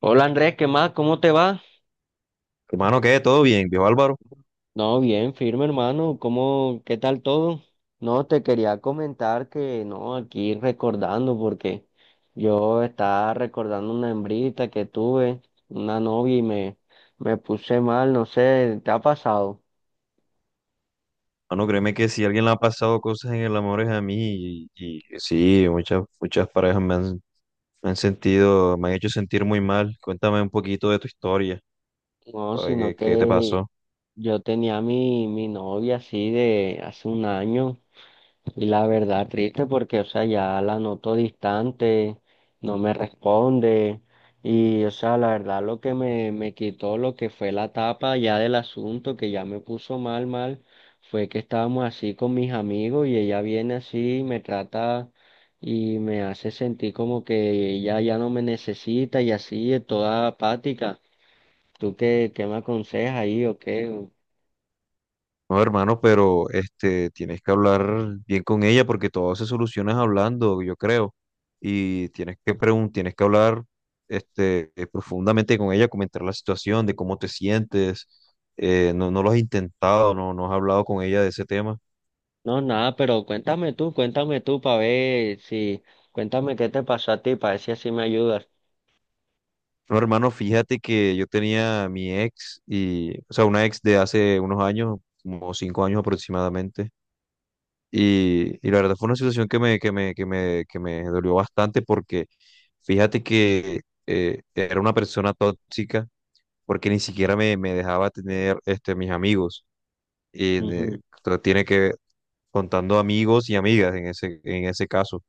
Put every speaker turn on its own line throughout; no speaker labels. Hola Andrés, ¿qué más? ¿Cómo te va?
Hermano, ¿qué? ¿Todo bien, viejo Álvaro?
No, bien, firme hermano. ¿Cómo, qué tal todo? No, te quería comentar que no, aquí recordando porque yo estaba recordando una hembrita que tuve, una novia y me puse mal, no sé, ¿te ha pasado?
Hermano, créeme que si alguien le ha pasado cosas en el amor es a mí y sí, muchas parejas me han sentido, me han hecho sentir muy mal. Cuéntame un poquito de tu historia,
No,
para ver
sino
qué te
que
pasó.
yo tenía mi novia así de hace un año y la verdad triste porque, o sea, ya la noto distante, no me responde y, o sea, la verdad lo que me quitó lo que fue la tapa ya del asunto que ya me puso mal, mal, fue que estábamos así con mis amigos y ella viene así y me trata y me hace sentir como que ella ya no me necesita y así, es toda apática. ¿Tú qué, qué me aconsejas ahí o qué? O...
No, hermano, pero este, tienes que hablar bien con ella porque todo se soluciona es hablando, yo creo. Y tienes que tienes que hablar este, profundamente con ella, comentar la situación, de cómo te sientes. No, no lo has intentado, no, no has hablado con ella de ese tema.
No, nada, pero cuéntame tú para ver si, cuéntame qué te pasó a ti para ver si así me ayudas.
No, hermano, fíjate que yo tenía a mi ex y, o sea, una ex de hace unos años, como cinco años aproximadamente. Y la verdad fue una situación que me dolió bastante porque fíjate que era una persona tóxica porque ni siquiera me dejaba tener este, mis amigos. Y
Ujú.
tiene que contando amigos y amigas en en ese caso.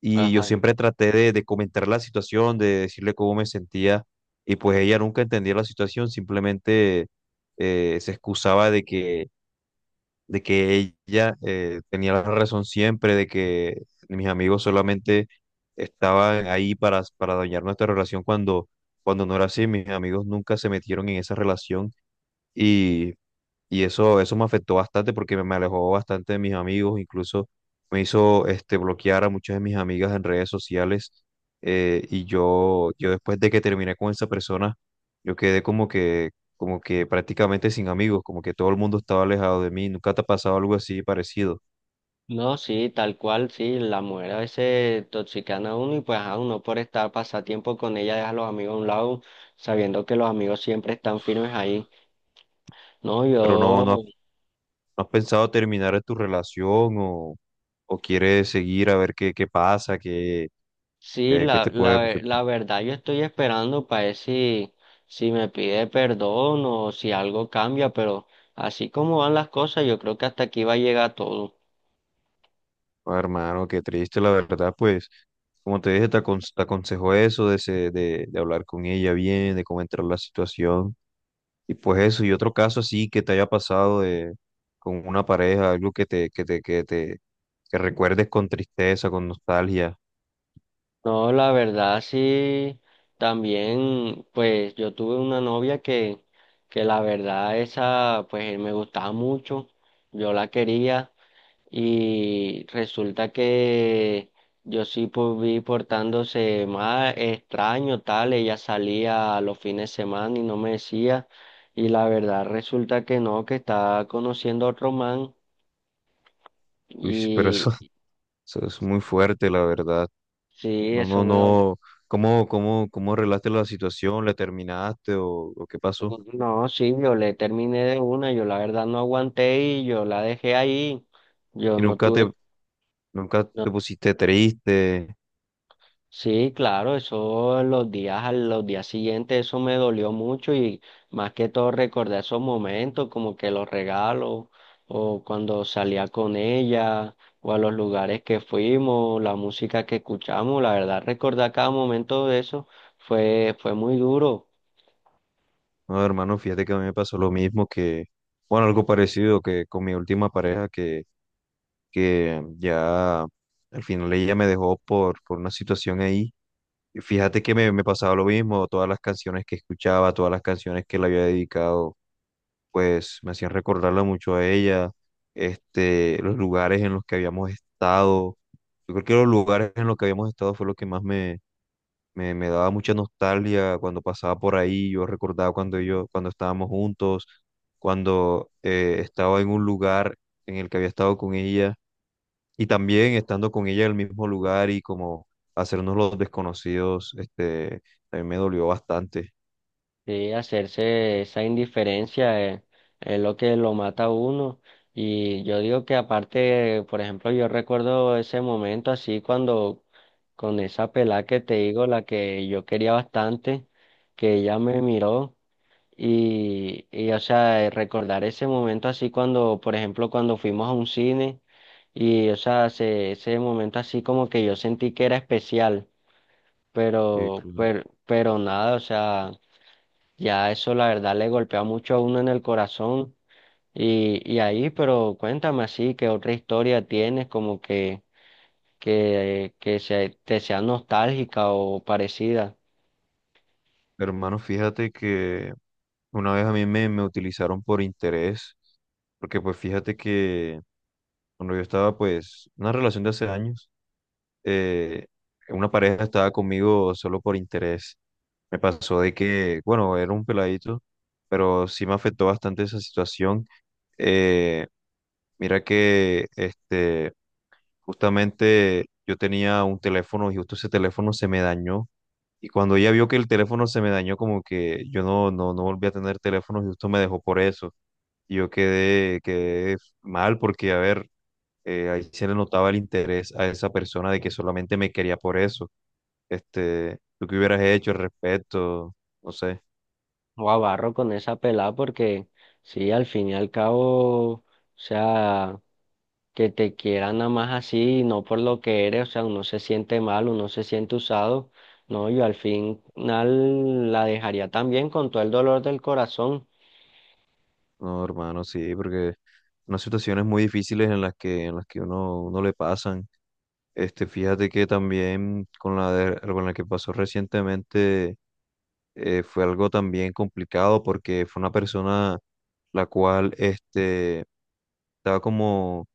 Y yo
Ajá.
siempre traté de comentar la situación, de decirle cómo me sentía, y pues ella nunca entendía la situación, simplemente se excusaba de que ella tenía la razón siempre, de que mis amigos solamente estaban ahí para dañar nuestra relación cuando no era así, mis amigos nunca se metieron en esa relación y y eso me afectó bastante porque me alejó bastante de mis amigos, incluso me hizo este, bloquear a muchas de mis amigas en redes sociales. Y yo, yo después de que terminé con esa persona, yo quedé como que prácticamente sin amigos, como que todo el mundo estaba alejado de mí. ¿Nunca te ha pasado algo así parecido?
No, sí, tal cual, sí, la mujer a veces toxican a uno y pues a uno por estar pasatiempo con ella deja a los amigos a un lado, sabiendo que los amigos siempre están firmes ahí. No,
Pero has-
yo...
no has pensado terminar tu relación o quieres seguir a ver qué, qué pasa, qué,
Sí,
qué, qué te puede.
la verdad yo estoy esperando para ver si, si me pide perdón o si algo cambia, pero así como van las cosas, yo creo que hasta aquí va a llegar todo.
Oh, hermano, qué triste, la verdad, pues, como te dije, te aconsejo eso de, de hablar con ella bien, de comentar la situación, y pues eso, y otro caso así que te haya pasado de, con una pareja, algo que recuerdes con tristeza, con nostalgia.
No, la verdad sí, también pues yo tuve una novia que la verdad esa pues me gustaba mucho, yo la quería. Y resulta que yo sí pues, vi portándose más extraño, tal, ella salía los fines de semana y no me decía, y la verdad resulta que no, que estaba conociendo a otro man,
Uy, pero eso,
y
eso es muy fuerte, la verdad,
sí,
no,
eso
no,
me dolió.
no, ¿cómo, cómo, cómo arreglaste la situación? ¿Le terminaste o qué pasó?
No, sí, yo le terminé de una, yo la verdad no aguanté y yo la dejé ahí, yo
Y
no
nunca
tuve...
te, nunca
No.
te pusiste triste.
Sí, claro, eso los días, a los días siguientes, eso me dolió mucho y más que todo recordé esos momentos, como que los regalos, o cuando salía con ella, o a los lugares que fuimos, la música que escuchamos, la verdad, recordar cada momento de eso fue, fue muy duro.
No, hermano, fíjate que a mí me pasó lo mismo que, bueno, algo parecido que con mi última pareja que ya al final ella me dejó por una situación ahí. Y fíjate que me pasaba lo mismo, todas las canciones que escuchaba, todas las canciones que le había dedicado, pues me hacían recordarla mucho a ella, este, los lugares en los que habíamos estado. Yo creo que los lugares en los que habíamos estado fue lo que más me daba mucha nostalgia cuando pasaba por ahí. Yo recordaba cuando estábamos juntos, cuando estaba en un lugar en el que había estado con ella y también estando con ella en el mismo lugar y como hacernos los desconocidos, este, también me dolió bastante.
Sí, hacerse esa indiferencia es, lo que lo mata a uno. Y yo digo que aparte, por ejemplo, yo recuerdo ese momento así cuando con esa pelá que te digo, la que yo quería bastante, que ella me miró y o sea, recordar ese momento así cuando, por ejemplo, cuando fuimos a un cine y, o sea, ese momento así como que yo sentí que era especial,
Claro.
pero nada, o sea... Ya eso la verdad le golpea mucho a uno en el corazón. Y ahí, pero cuéntame así, ¿qué otra historia tienes como que, te sea nostálgica o parecida?
Hermano, fíjate que una vez a mí me utilizaron por interés, porque pues fíjate que cuando yo estaba, pues, en una relación de hace años, eh, una pareja estaba conmigo solo por interés. Me pasó de que, bueno, era un peladito, pero sí me afectó bastante esa situación. Eh, Mira que, este, justamente yo tenía un teléfono y justo ese teléfono se me dañó. Y cuando ella vio que el teléfono se me dañó, como que yo no volví a tener teléfono y justo me dejó por eso. Y yo quedé mal porque, a ver, ahí se le notaba el interés a esa persona de que solamente me quería por eso. Este, ¿tú qué hubieras hecho al respecto? No sé,
O abarro con esa pelada porque sí, al fin y al cabo, o sea, que te quieran nada más así, no por lo que eres, o sea, uno se siente mal, uno se siente usado. No, yo al final la dejaría también con todo el dolor del corazón.
no, hermano, sí, porque unas situaciones muy difíciles en las que uno le pasan. Este, fíjate que también con la, con la que pasó recientemente fue algo también complicado porque fue una persona la cual este, estaba como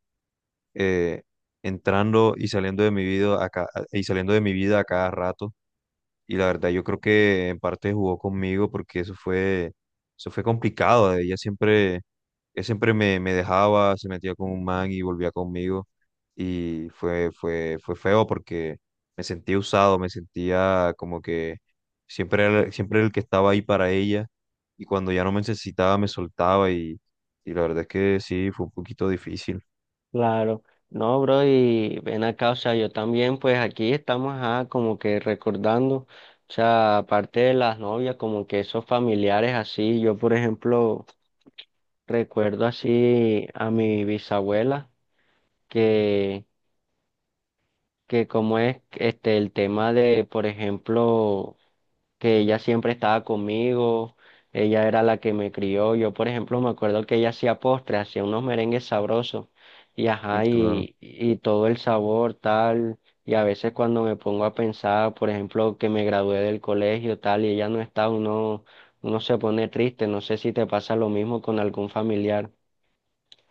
eh, entrando y saliendo de mi vida y saliendo de mi vida a cada rato. Y la verdad, yo creo que en parte jugó conmigo porque eso fue complicado. Ella siempre me dejaba, se metía con un man y volvía conmigo. Y fue feo porque me sentía usado, me sentía como que siempre era el que estaba ahí para ella. Y cuando ya no me necesitaba, me soltaba y la verdad es que sí, fue un poquito difícil.
Claro, no, bro, y ven acá, o sea, yo también, pues aquí estamos ah, como que recordando, o sea, aparte de las novias, como que esos familiares así, yo por ejemplo recuerdo así a mi bisabuela, que, que como es este el tema de, por ejemplo, que ella siempre estaba conmigo, ella era la que me crió. Yo, por ejemplo, me acuerdo que ella hacía postres, hacía unos merengues sabrosos y ajá,
Claro.
y todo el sabor tal. Y a veces cuando me pongo a pensar, por ejemplo, que me gradué del colegio tal y ella no está, uno, uno se pone triste. No sé si te pasa lo mismo con algún familiar.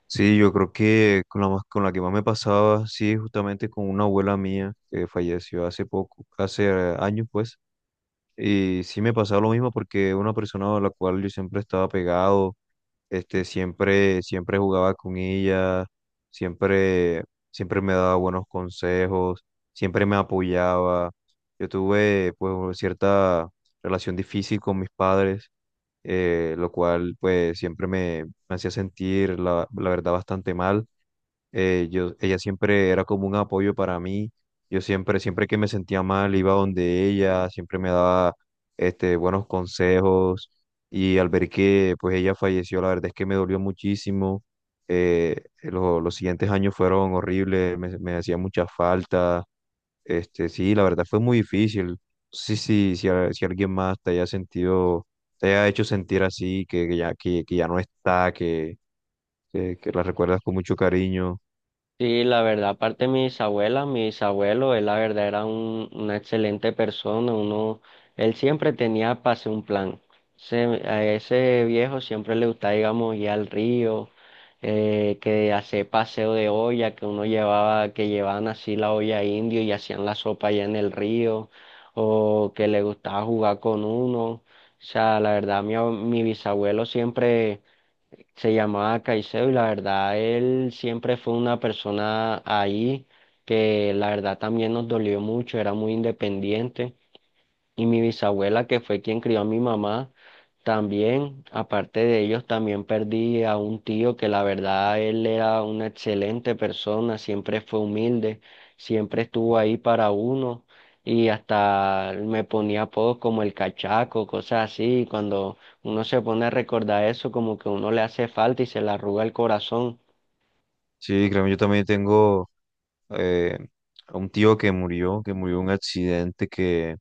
Sí, yo creo que con la, con la que más me pasaba, sí, justamente con una abuela mía que falleció hace poco, hace años, pues. Y sí me pasaba lo mismo porque una persona a la cual yo siempre estaba pegado, este, siempre jugaba con ella, siempre, siempre me daba buenos consejos, siempre me apoyaba. Yo tuve pues una cierta relación difícil con mis padres, lo cual pues siempre me hacía sentir la verdad bastante mal ella siempre era como un apoyo para mí. Yo siempre que me sentía mal, iba donde ella, siempre me daba este, buenos consejos. Y al ver que pues ella falleció, la verdad es que me dolió muchísimo. Los siguientes años fueron horribles, me hacía mucha falta. Este, sí, la verdad fue muy difícil. Si alguien más te haya sentido, te haya hecho sentir así, que ya no está, que la recuerdas con mucho cariño.
Sí, la verdad, aparte de mis abuelas, mis abuelos, él la verdad era una excelente persona, uno, él siempre tenía pase un plan. Se- a ese viejo siempre le gustaba, digamos, ir al río, que hacer paseo de olla, que uno llevaba, que llevaban así la olla indio y hacían la sopa allá en el río, o que le gustaba jugar con uno. O sea, la verdad, mi, ab- mi bisabuelo siempre se llamaba Caicedo y la verdad él siempre fue una persona ahí que la verdad también nos dolió mucho, era muy independiente y mi bisabuela, que fue quien crió a mi mamá, también, aparte de ellos, también perdí a un tío que la verdad él era una excelente persona, siempre fue humilde, siempre estuvo ahí para uno y hasta me ponía apodos como el cachaco, cosas así. Y cuando uno se pone a recordar eso, como que uno le hace falta y se le arruga el corazón.
Sí, créeme, yo también tengo eh, a un tío que murió en un accidente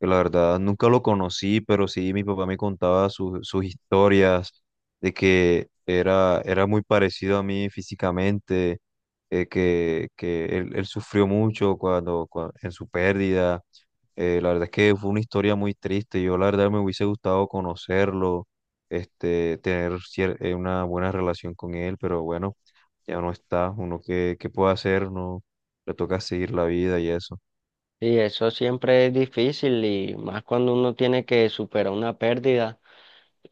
que la verdad nunca lo conocí, pero sí mi papá me contaba sus historias de que era, era muy parecido a mí físicamente, que él sufrió mucho cuando, en su pérdida. La verdad es que fue una historia muy triste. Yo la verdad me hubiese gustado conocerlo, este, una buena relación con él, pero bueno ya no está, uno qué, qué puede hacer, no le toca seguir la vida y eso.
Y eso siempre es difícil y más cuando uno tiene que superar una pérdida.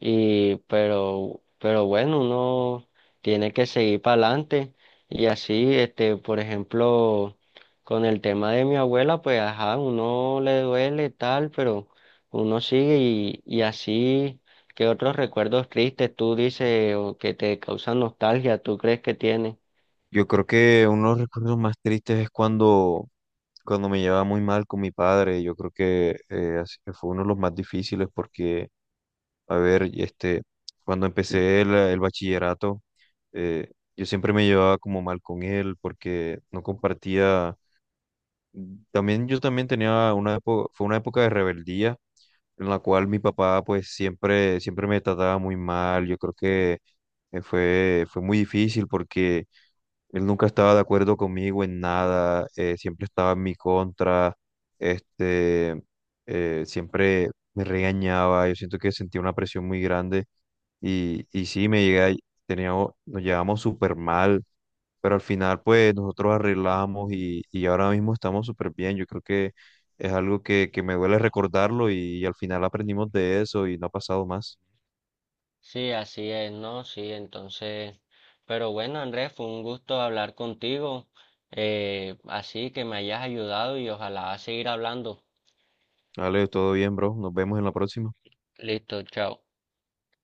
Y, pero bueno, uno tiene que seguir para adelante. Y así, este, por ejemplo, con el tema de mi abuela, pues ajá, uno le duele tal, pero uno sigue y así, ¿qué otros recuerdos tristes tú dices o que te causan nostalgia, tú crees que tienes?
Yo creo que uno de los recuerdos más tristes es cuando me llevaba muy mal con mi padre, yo creo que así fue uno de los más difíciles porque, a ver, y este, cuando empecé el bachillerato, yo siempre me llevaba como mal con él porque no compartía. También yo también tenía una época, fue una época de rebeldía en la cual mi papá pues siempre me trataba muy mal. Yo creo que fue muy difícil porque él nunca estaba de acuerdo conmigo en nada, siempre estaba en mi contra. Este, siempre me regañaba, yo siento que sentía una presión muy grande y sí, me llegué, a- teníamos, nos llevamos súper mal, pero al final pues nosotros arreglamos y ahora mismo estamos súper bien, yo creo que es algo que me duele recordarlo y, al final aprendimos de eso y no ha pasado más.
Sí, así es, ¿no? Sí, entonces, pero bueno, Andrés, fue un gusto hablar contigo, así que me hayas ayudado y ojalá seguir hablando.
Vale, todo bien, bro, nos vemos en la próxima.
Listo, chao.